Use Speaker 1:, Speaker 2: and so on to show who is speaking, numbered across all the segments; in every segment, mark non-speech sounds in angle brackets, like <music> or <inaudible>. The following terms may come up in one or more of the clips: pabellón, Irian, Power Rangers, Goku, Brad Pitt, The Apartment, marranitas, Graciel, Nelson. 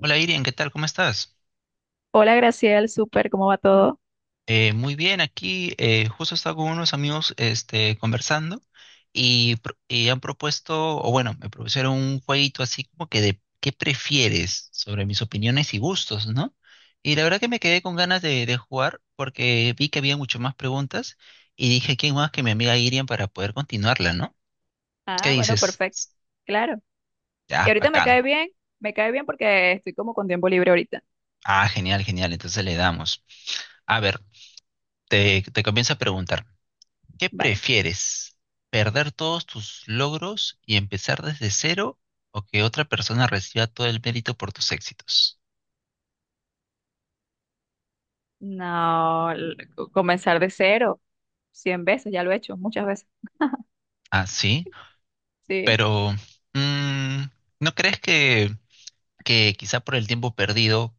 Speaker 1: Hola Irian, ¿qué tal? ¿Cómo estás?
Speaker 2: Hola Graciel, súper, ¿cómo va todo?
Speaker 1: Muy bien, aquí justo estaba con unos amigos conversando y y han propuesto, o bueno, me propusieron un jueguito así como que de qué prefieres sobre mis opiniones y gustos, ¿no? Y la verdad que me quedé con ganas de jugar porque vi que había mucho más preguntas y dije, ¿quién más que mi amiga Irian para poder continuarla, ¿no? ¿Qué
Speaker 2: Ah, bueno,
Speaker 1: dices?
Speaker 2: perfecto, claro. Y
Speaker 1: Ya,
Speaker 2: ahorita
Speaker 1: bacán.
Speaker 2: me cae bien porque estoy como con tiempo libre ahorita.
Speaker 1: Ah, genial, genial, entonces le damos. A ver, te comienzo a preguntar. ¿Qué
Speaker 2: Vale.
Speaker 1: prefieres? ¿Perder todos tus logros y empezar desde cero o que otra persona reciba todo el mérito por tus éxitos?
Speaker 2: No, comenzar de cero, cien veces, ya lo he hecho, muchas veces.
Speaker 1: Ah, sí,
Speaker 2: Sí.
Speaker 1: pero mm, ¿no crees que quizá por el tiempo perdido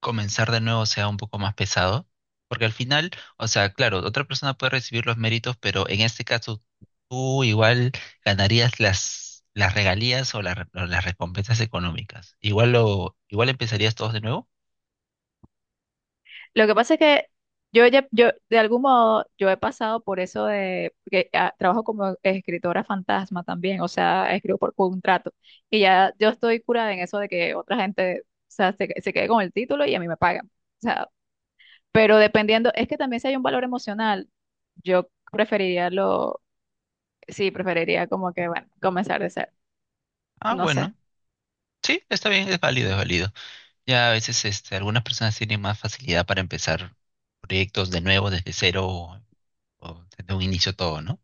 Speaker 1: comenzar de nuevo sea un poco más pesado? Porque al final, o sea, claro, otra persona puede recibir los méritos, pero en este caso tú igual ganarías las regalías o o las recompensas económicas. Igual lo, igual empezarías todos de nuevo.
Speaker 2: Lo que pasa es que de algún modo, yo he pasado por eso de, porque trabajo como escritora fantasma también, o sea, escribo por contrato. Y ya yo estoy curada en eso de que otra gente, o sea, se quede con el título y a mí me pagan. Pero dependiendo, es que también si hay un valor emocional, yo preferiría lo, sí, preferiría como que, bueno, comenzar de ser,
Speaker 1: Ah,
Speaker 2: no sé.
Speaker 1: bueno. Sí, está bien, es válido, es válido. Ya a veces algunas personas tienen más facilidad para empezar proyectos de nuevo, desde cero o desde un inicio todo, ¿no?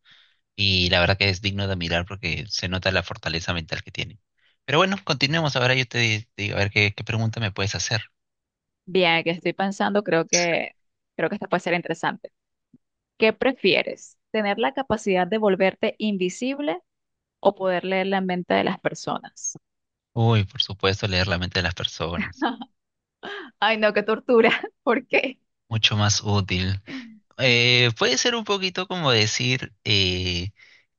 Speaker 1: Y la verdad que es digno de admirar porque se nota la fortaleza mental que tienen. Pero bueno, continuemos. Ahora yo te digo, a ver qué, qué pregunta me puedes hacer.
Speaker 2: Bien, que estoy pensando, creo que esta puede ser interesante. ¿Qué prefieres? ¿Tener la capacidad de volverte invisible o poder leer la mente de las personas?
Speaker 1: Uy, por supuesto, leer la mente de las personas.
Speaker 2: Ay, no, qué tortura. <laughs> ¿Por qué?
Speaker 1: Mucho más útil. Puede ser un poquito como decir,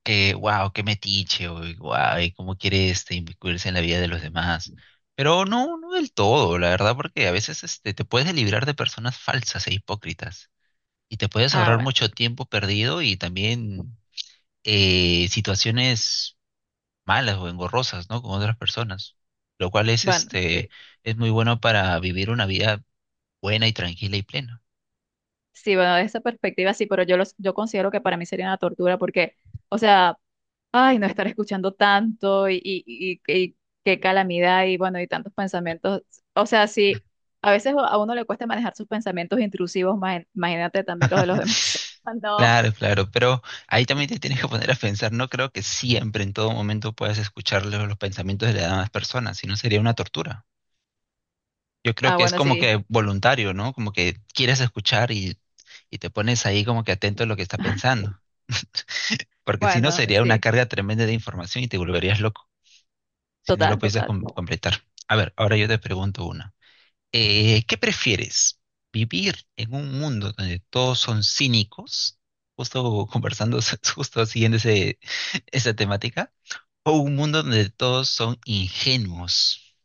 Speaker 1: que wow, qué metiche, o wow, y cómo quiere inmiscuirse en la vida de los demás. Pero no, no del todo, la verdad, porque a veces te puedes librar de personas falsas e hipócritas y te puedes
Speaker 2: Ah,
Speaker 1: ahorrar
Speaker 2: bueno,
Speaker 1: mucho tiempo perdido y también situaciones malas o engorrosas, ¿no? Con otras personas, lo cual es,
Speaker 2: bueno, sí.
Speaker 1: es muy bueno para vivir una vida buena y tranquila y plena.
Speaker 2: Sí, bueno, de esa perspectiva sí, pero yo considero que para mí sería una tortura porque, o sea, ay, no estar escuchando tanto y qué calamidad y bueno, y tantos pensamientos. O sea, sí, a veces a uno le cuesta manejar sus pensamientos intrusivos, imagínate también los de los
Speaker 1: <laughs>
Speaker 2: demás. <laughs> Ah, no.
Speaker 1: Claro, claro, pero ahí también te tienes que poner a pensar, no creo que siempre, en todo momento, puedas escuchar los pensamientos de las demás personas, si no sería una tortura. Yo creo
Speaker 2: Ah,
Speaker 1: que es
Speaker 2: bueno,
Speaker 1: como
Speaker 2: sí.
Speaker 1: que voluntario, ¿no? Como que quieres escuchar y te pones ahí como que atento a lo que está
Speaker 2: <laughs>
Speaker 1: pensando, porque si no
Speaker 2: Bueno,
Speaker 1: sería una
Speaker 2: sí.
Speaker 1: carga tremenda de información y te volverías loco, si no lo
Speaker 2: Total,
Speaker 1: pudieses
Speaker 2: total.
Speaker 1: completar. A ver, ahora yo te pregunto una. ¿Qué prefieres? ¿Vivir en un mundo donde todos son cínicos? Justo conversando, <laughs> justo siguiendo ese, esa temática. ¿O un mundo donde todos son ingenuos?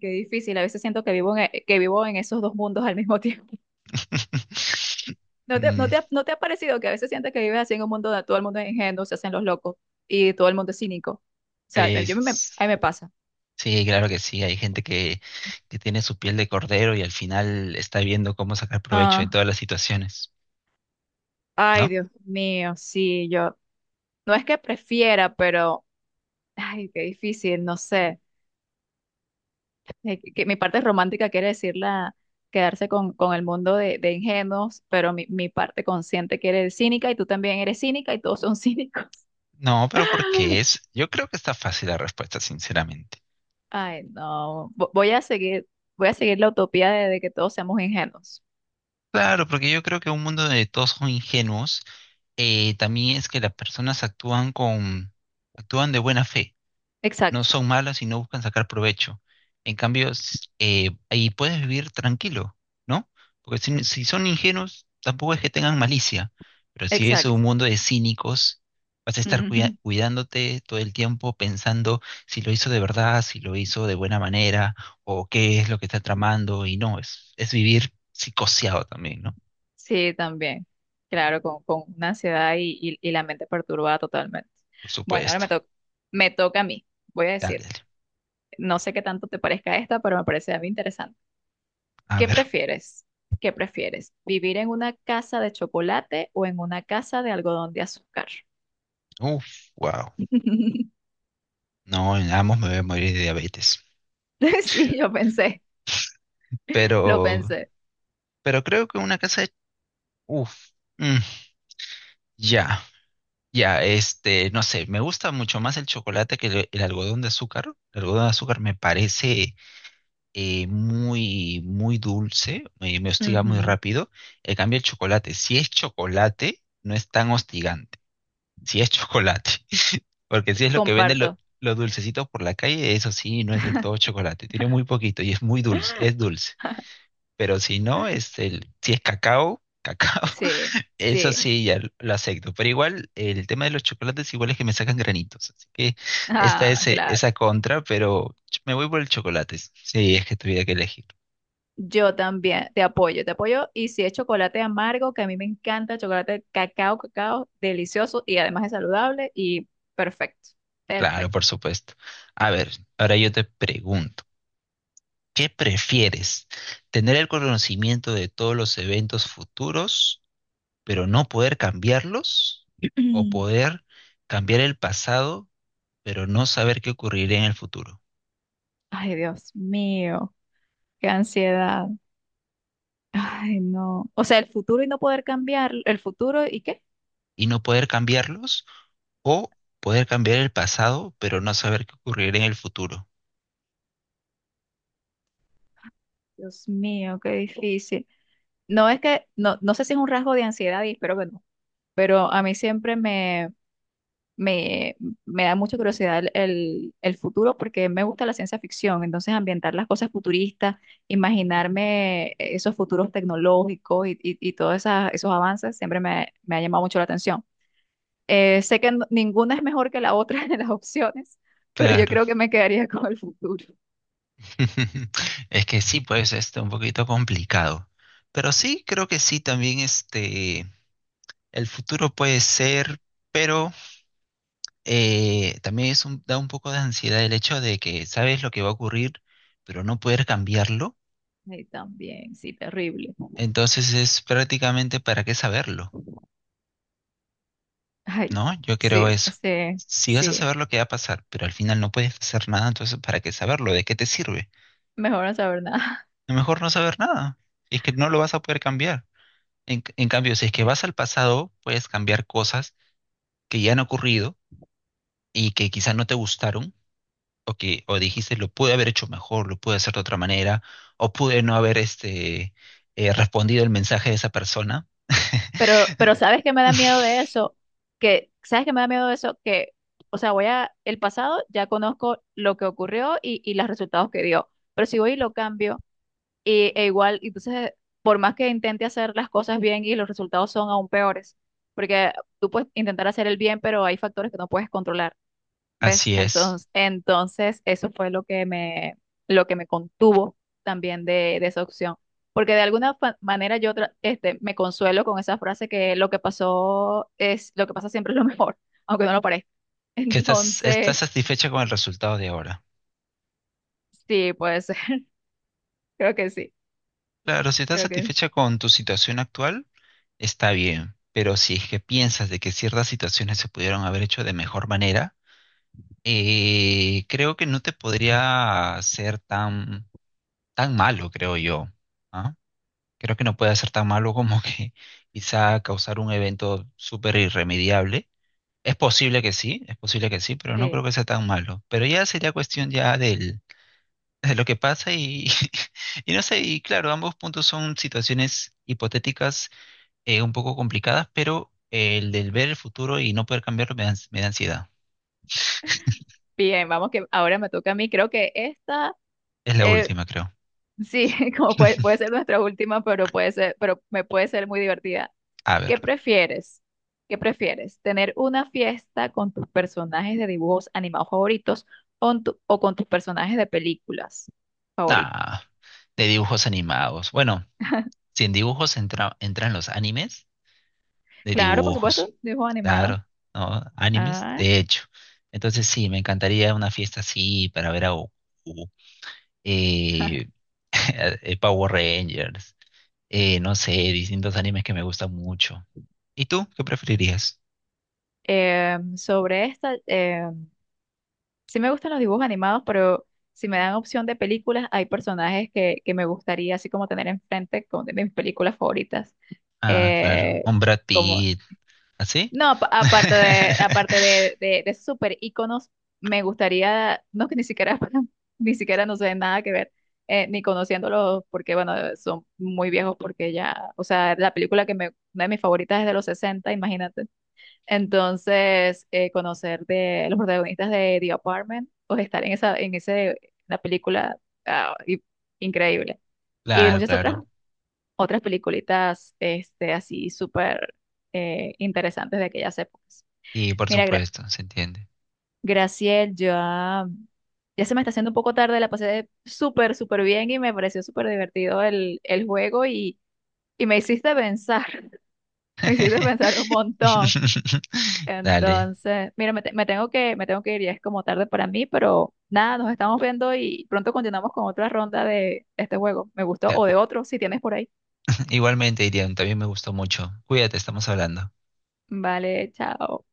Speaker 2: Qué difícil. A veces siento que que vivo en esos dos mundos al mismo tiempo.
Speaker 1: <laughs>
Speaker 2: <laughs> ¿No te,
Speaker 1: Mm,
Speaker 2: no te ha parecido que a veces sientes que vives así en un mundo donde todo el mundo es ingenuo, se hacen los locos y todo el mundo es cínico? O sea, a
Speaker 1: es-
Speaker 2: mí me pasa.
Speaker 1: sí, claro que sí. Hay gente que tiene su piel de cordero y al final está viendo cómo sacar provecho de
Speaker 2: Ah,
Speaker 1: todas las situaciones,
Speaker 2: ay,
Speaker 1: ¿no?
Speaker 2: Dios mío, sí, yo. No es que prefiera, pero, ay, qué difícil, no sé. Que mi parte romántica quiere decir la, quedarse con el mundo de ingenuos, pero mi parte consciente quiere decir cínica y tú también eres cínica y todos son cínicos.
Speaker 1: No, pero porque
Speaker 2: <laughs>
Speaker 1: es? Yo creo que está fácil la respuesta, sinceramente.
Speaker 2: Ay, no. Voy a seguir la utopía de que todos seamos ingenuos.
Speaker 1: Claro, porque yo creo que un mundo donde todos son ingenuos también es que las personas actúan con, actúan de buena fe, no
Speaker 2: Exacto,
Speaker 1: son malas y no buscan sacar provecho. En cambio, ahí puedes vivir tranquilo, ¿no? Porque si, si son ingenuos, tampoco es que tengan malicia, pero si es
Speaker 2: exacto.
Speaker 1: un mundo de cínicos, vas a estar
Speaker 2: Ujú.
Speaker 1: cuidándote todo el tiempo pensando si lo hizo de verdad, si lo hizo de buena manera, o qué es lo que está tramando, y no, es vivir psicoseado también, ¿no?
Speaker 2: Sí, también. Claro, con una ansiedad y la mente perturbada totalmente.
Speaker 1: Por
Speaker 2: Bueno, ahora
Speaker 1: supuesto.
Speaker 2: me toca a mí, voy a
Speaker 1: Dale,
Speaker 2: decir.
Speaker 1: dale.
Speaker 2: No sé qué tanto te parezca esta, pero me parece a mí interesante.
Speaker 1: A
Speaker 2: ¿Qué
Speaker 1: ver.
Speaker 2: prefieres? ¿Qué prefieres? ¿Vivir en una casa de chocolate o en una casa de algodón de azúcar?
Speaker 1: Uf, wow.
Speaker 2: <laughs>
Speaker 1: No, en Amos me voy a morir de diabetes.
Speaker 2: Sí, yo pensé, lo
Speaker 1: Pero,
Speaker 2: pensé.
Speaker 1: pero creo que una casa de... Uf, mm, ya, ya, no sé, me gusta mucho más el chocolate que el algodón de azúcar. El algodón de azúcar me parece muy, muy dulce, me hostiga muy
Speaker 2: Ujú,
Speaker 1: rápido. En cambio, el chocolate, si es chocolate, no es tan hostigante. Si es chocolate, <laughs> porque si es lo que venden
Speaker 2: comparto.
Speaker 1: los dulcecitos por la calle, eso sí, no es del todo chocolate. Tiene muy poquito y es muy dulce, es dulce.
Speaker 2: <laughs>
Speaker 1: Pero si no, si es cacao, cacao,
Speaker 2: Sí,
Speaker 1: <laughs> eso
Speaker 2: sí.
Speaker 1: sí, ya lo acepto. Pero igual, el tema de los chocolates igual es que me sacan granitos, así que esta
Speaker 2: Ah,
Speaker 1: es
Speaker 2: claro.
Speaker 1: esa contra, pero me voy por el chocolate, si si es que tuviera que elegir.
Speaker 2: Yo también te apoyo, te apoyo. Y si es chocolate amargo, que a mí me encanta, chocolate cacao, cacao, delicioso y además es saludable y perfecto,
Speaker 1: Claro,
Speaker 2: perfecto.
Speaker 1: por supuesto. A ver, ahora yo te pregunto, ¿qué prefieres? ¿Tener el conocimiento de todos los eventos futuros, pero no poder cambiarlos?
Speaker 2: <clears throat>
Speaker 1: ¿O poder cambiar el pasado, pero no saber qué ocurrirá en el futuro?
Speaker 2: Ay, Dios mío. Qué ansiedad. Ay, no. O sea, el futuro y no poder cambiar el futuro y qué.
Speaker 1: Y no poder cambiarlos o poder cambiar el pasado, pero no saber qué ocurrirá en el futuro.
Speaker 2: Dios mío, qué difícil. No es que, no, no sé si es un rasgo de ansiedad y espero que no, pero a mí siempre me, me da mucha curiosidad el futuro porque me gusta la ciencia ficción, entonces ambientar las cosas futuristas, imaginarme esos futuros tecnológicos y todos esos avances me ha llamado mucho la atención. Sé que ninguna es mejor que la otra <laughs> de las opciones, pero yo
Speaker 1: Claro.
Speaker 2: creo que me quedaría con el futuro.
Speaker 1: <laughs> Es que sí, pues este un poquito complicado. Pero sí, creo que sí, también este el futuro puede ser, pero también es da un poco de ansiedad el hecho de que sabes lo que va a ocurrir, pero no poder cambiarlo.
Speaker 2: Y también, sí, terrible.
Speaker 1: Entonces es prácticamente para qué saberlo.
Speaker 2: Ay,
Speaker 1: No, yo
Speaker 2: sí,
Speaker 1: creo eso.
Speaker 2: sí,
Speaker 1: Si vas a
Speaker 2: sí.
Speaker 1: saber lo que va a pasar, pero al final no puedes hacer nada, entonces ¿para qué saberlo? ¿De qué te sirve?
Speaker 2: Mejor no saber nada. <laughs>
Speaker 1: Es mejor no saber nada. Es que no lo vas a poder cambiar. En cambio, si es que vas al pasado, puedes cambiar cosas que ya han ocurrido y que quizás no te gustaron o que o dijiste lo pude haber hecho mejor, lo pude hacer de otra manera o pude no haber respondido el mensaje de esa persona.
Speaker 2: Pero ¿sabes qué me
Speaker 1: <laughs>
Speaker 2: da miedo de eso? Que, ¿sabes qué me da miedo de eso? Que, o sea, voy a, el pasado ya conozco lo que ocurrió y los resultados que dio. Pero si voy y lo cambio, y e igual, entonces, por más que intente hacer las cosas bien y los resultados son aún peores, porque tú puedes intentar hacer el bien, pero hay factores que no puedes controlar, ¿ves?
Speaker 1: Así es.
Speaker 2: Entonces eso fue lo que me contuvo también de esa opción. Porque de alguna manera este, me consuelo con esa frase que lo que pasó es, lo que pasa siempre es lo mejor, <laughs> aunque no lo parezca.
Speaker 1: Que estás, estás
Speaker 2: Entonces,
Speaker 1: satisfecha con el resultado de ahora.
Speaker 2: sí, pues <laughs> creo que sí,
Speaker 1: Claro, si estás
Speaker 2: creo que
Speaker 1: satisfecha con tu situación actual, está bien, pero si es que piensas de que ciertas situaciones se pudieron haber hecho de mejor manera, creo que no te podría ser tan, tan malo, creo yo, ¿ah? Creo que no puede ser tan malo como que <laughs> quizá causar un evento súper irremediable. Es posible que sí, es posible que sí, pero no creo
Speaker 2: sí.
Speaker 1: que sea tan malo. Pero ya sería cuestión ya del <laughs> de lo que pasa y, <laughs> y no sé, y claro, ambos puntos son situaciones hipotéticas un poco complicadas, pero el del ver el futuro y no poder cambiarlo me da, me da ansiedad.
Speaker 2: Bien, vamos que ahora me toca a mí. Creo que esta,
Speaker 1: Es la
Speaker 2: eh,
Speaker 1: última, creo.
Speaker 2: sí, <laughs> como puede, puede
Speaker 1: <laughs>
Speaker 2: ser nuestra última, pero puede ser, pero me puede ser muy divertida.
Speaker 1: A ver,
Speaker 2: ¿Qué prefieres? ¿Qué prefieres? ¿Tener una fiesta con tus personajes de dibujos animados favoritos o, o con tus personajes de películas favoritos?
Speaker 1: nada, de dibujos animados. Bueno, si en dibujos entran los animes, de
Speaker 2: Claro, por supuesto,
Speaker 1: dibujos.
Speaker 2: dibujos animados.
Speaker 1: Claro, ¿no? Animes,
Speaker 2: Ah,
Speaker 1: de hecho. Entonces sí, me encantaría una fiesta así para ver a Goku, eh, <laughs> Power Rangers, no sé, distintos animes que me gustan mucho. ¿Y tú? ¿Qué preferirías?
Speaker 2: em, sobre esta, em, sí me gustan los dibujos animados, pero si me dan opción de películas, hay personajes que me gustaría así como tener enfrente como de mis películas favoritas.
Speaker 1: Ah, claro.
Speaker 2: Eh,
Speaker 1: Un Brad
Speaker 2: como,
Speaker 1: Pitt. ¿Así?
Speaker 2: no, ap- aparte
Speaker 1: <laughs>
Speaker 2: de, aparte de, de, de super íconos, me gustaría, no que ni siquiera, <laughs> ni siquiera no sé nada que ver, ni conociéndolos, porque bueno, son muy viejos, porque ya, o sea, la película que me, una de mis favoritas es de los 60, imagínate entonces, conocer de los protagonistas de The Apartment o estar en esa, en ese, la película, ah, increíble. Y de
Speaker 1: Claro,
Speaker 2: muchas otras,
Speaker 1: claro.
Speaker 2: otras peliculitas, este, así súper interesantes de aquellas épocas.
Speaker 1: Y por
Speaker 2: Mira,
Speaker 1: supuesto, se entiende.
Speaker 2: Graciel, ya, ya se me está haciendo un poco tarde, la pasé súper, súper bien y me pareció súper divertido el juego y me hiciste pensar, <laughs> me hiciste pensar un
Speaker 1: <laughs>
Speaker 2: montón.
Speaker 1: Dale.
Speaker 2: Entonces, mira, me tengo que ir, ya es como tarde para mí, pero nada, nos estamos viendo y pronto continuamos con otra ronda de este juego. Me gustó,
Speaker 1: De
Speaker 2: o de
Speaker 1: acu-
Speaker 2: otro, si tienes por ahí.
Speaker 1: <clears throat> Igualmente, Irian, también me gustó mucho. Cuídate, estamos hablando.
Speaker 2: Vale, chao.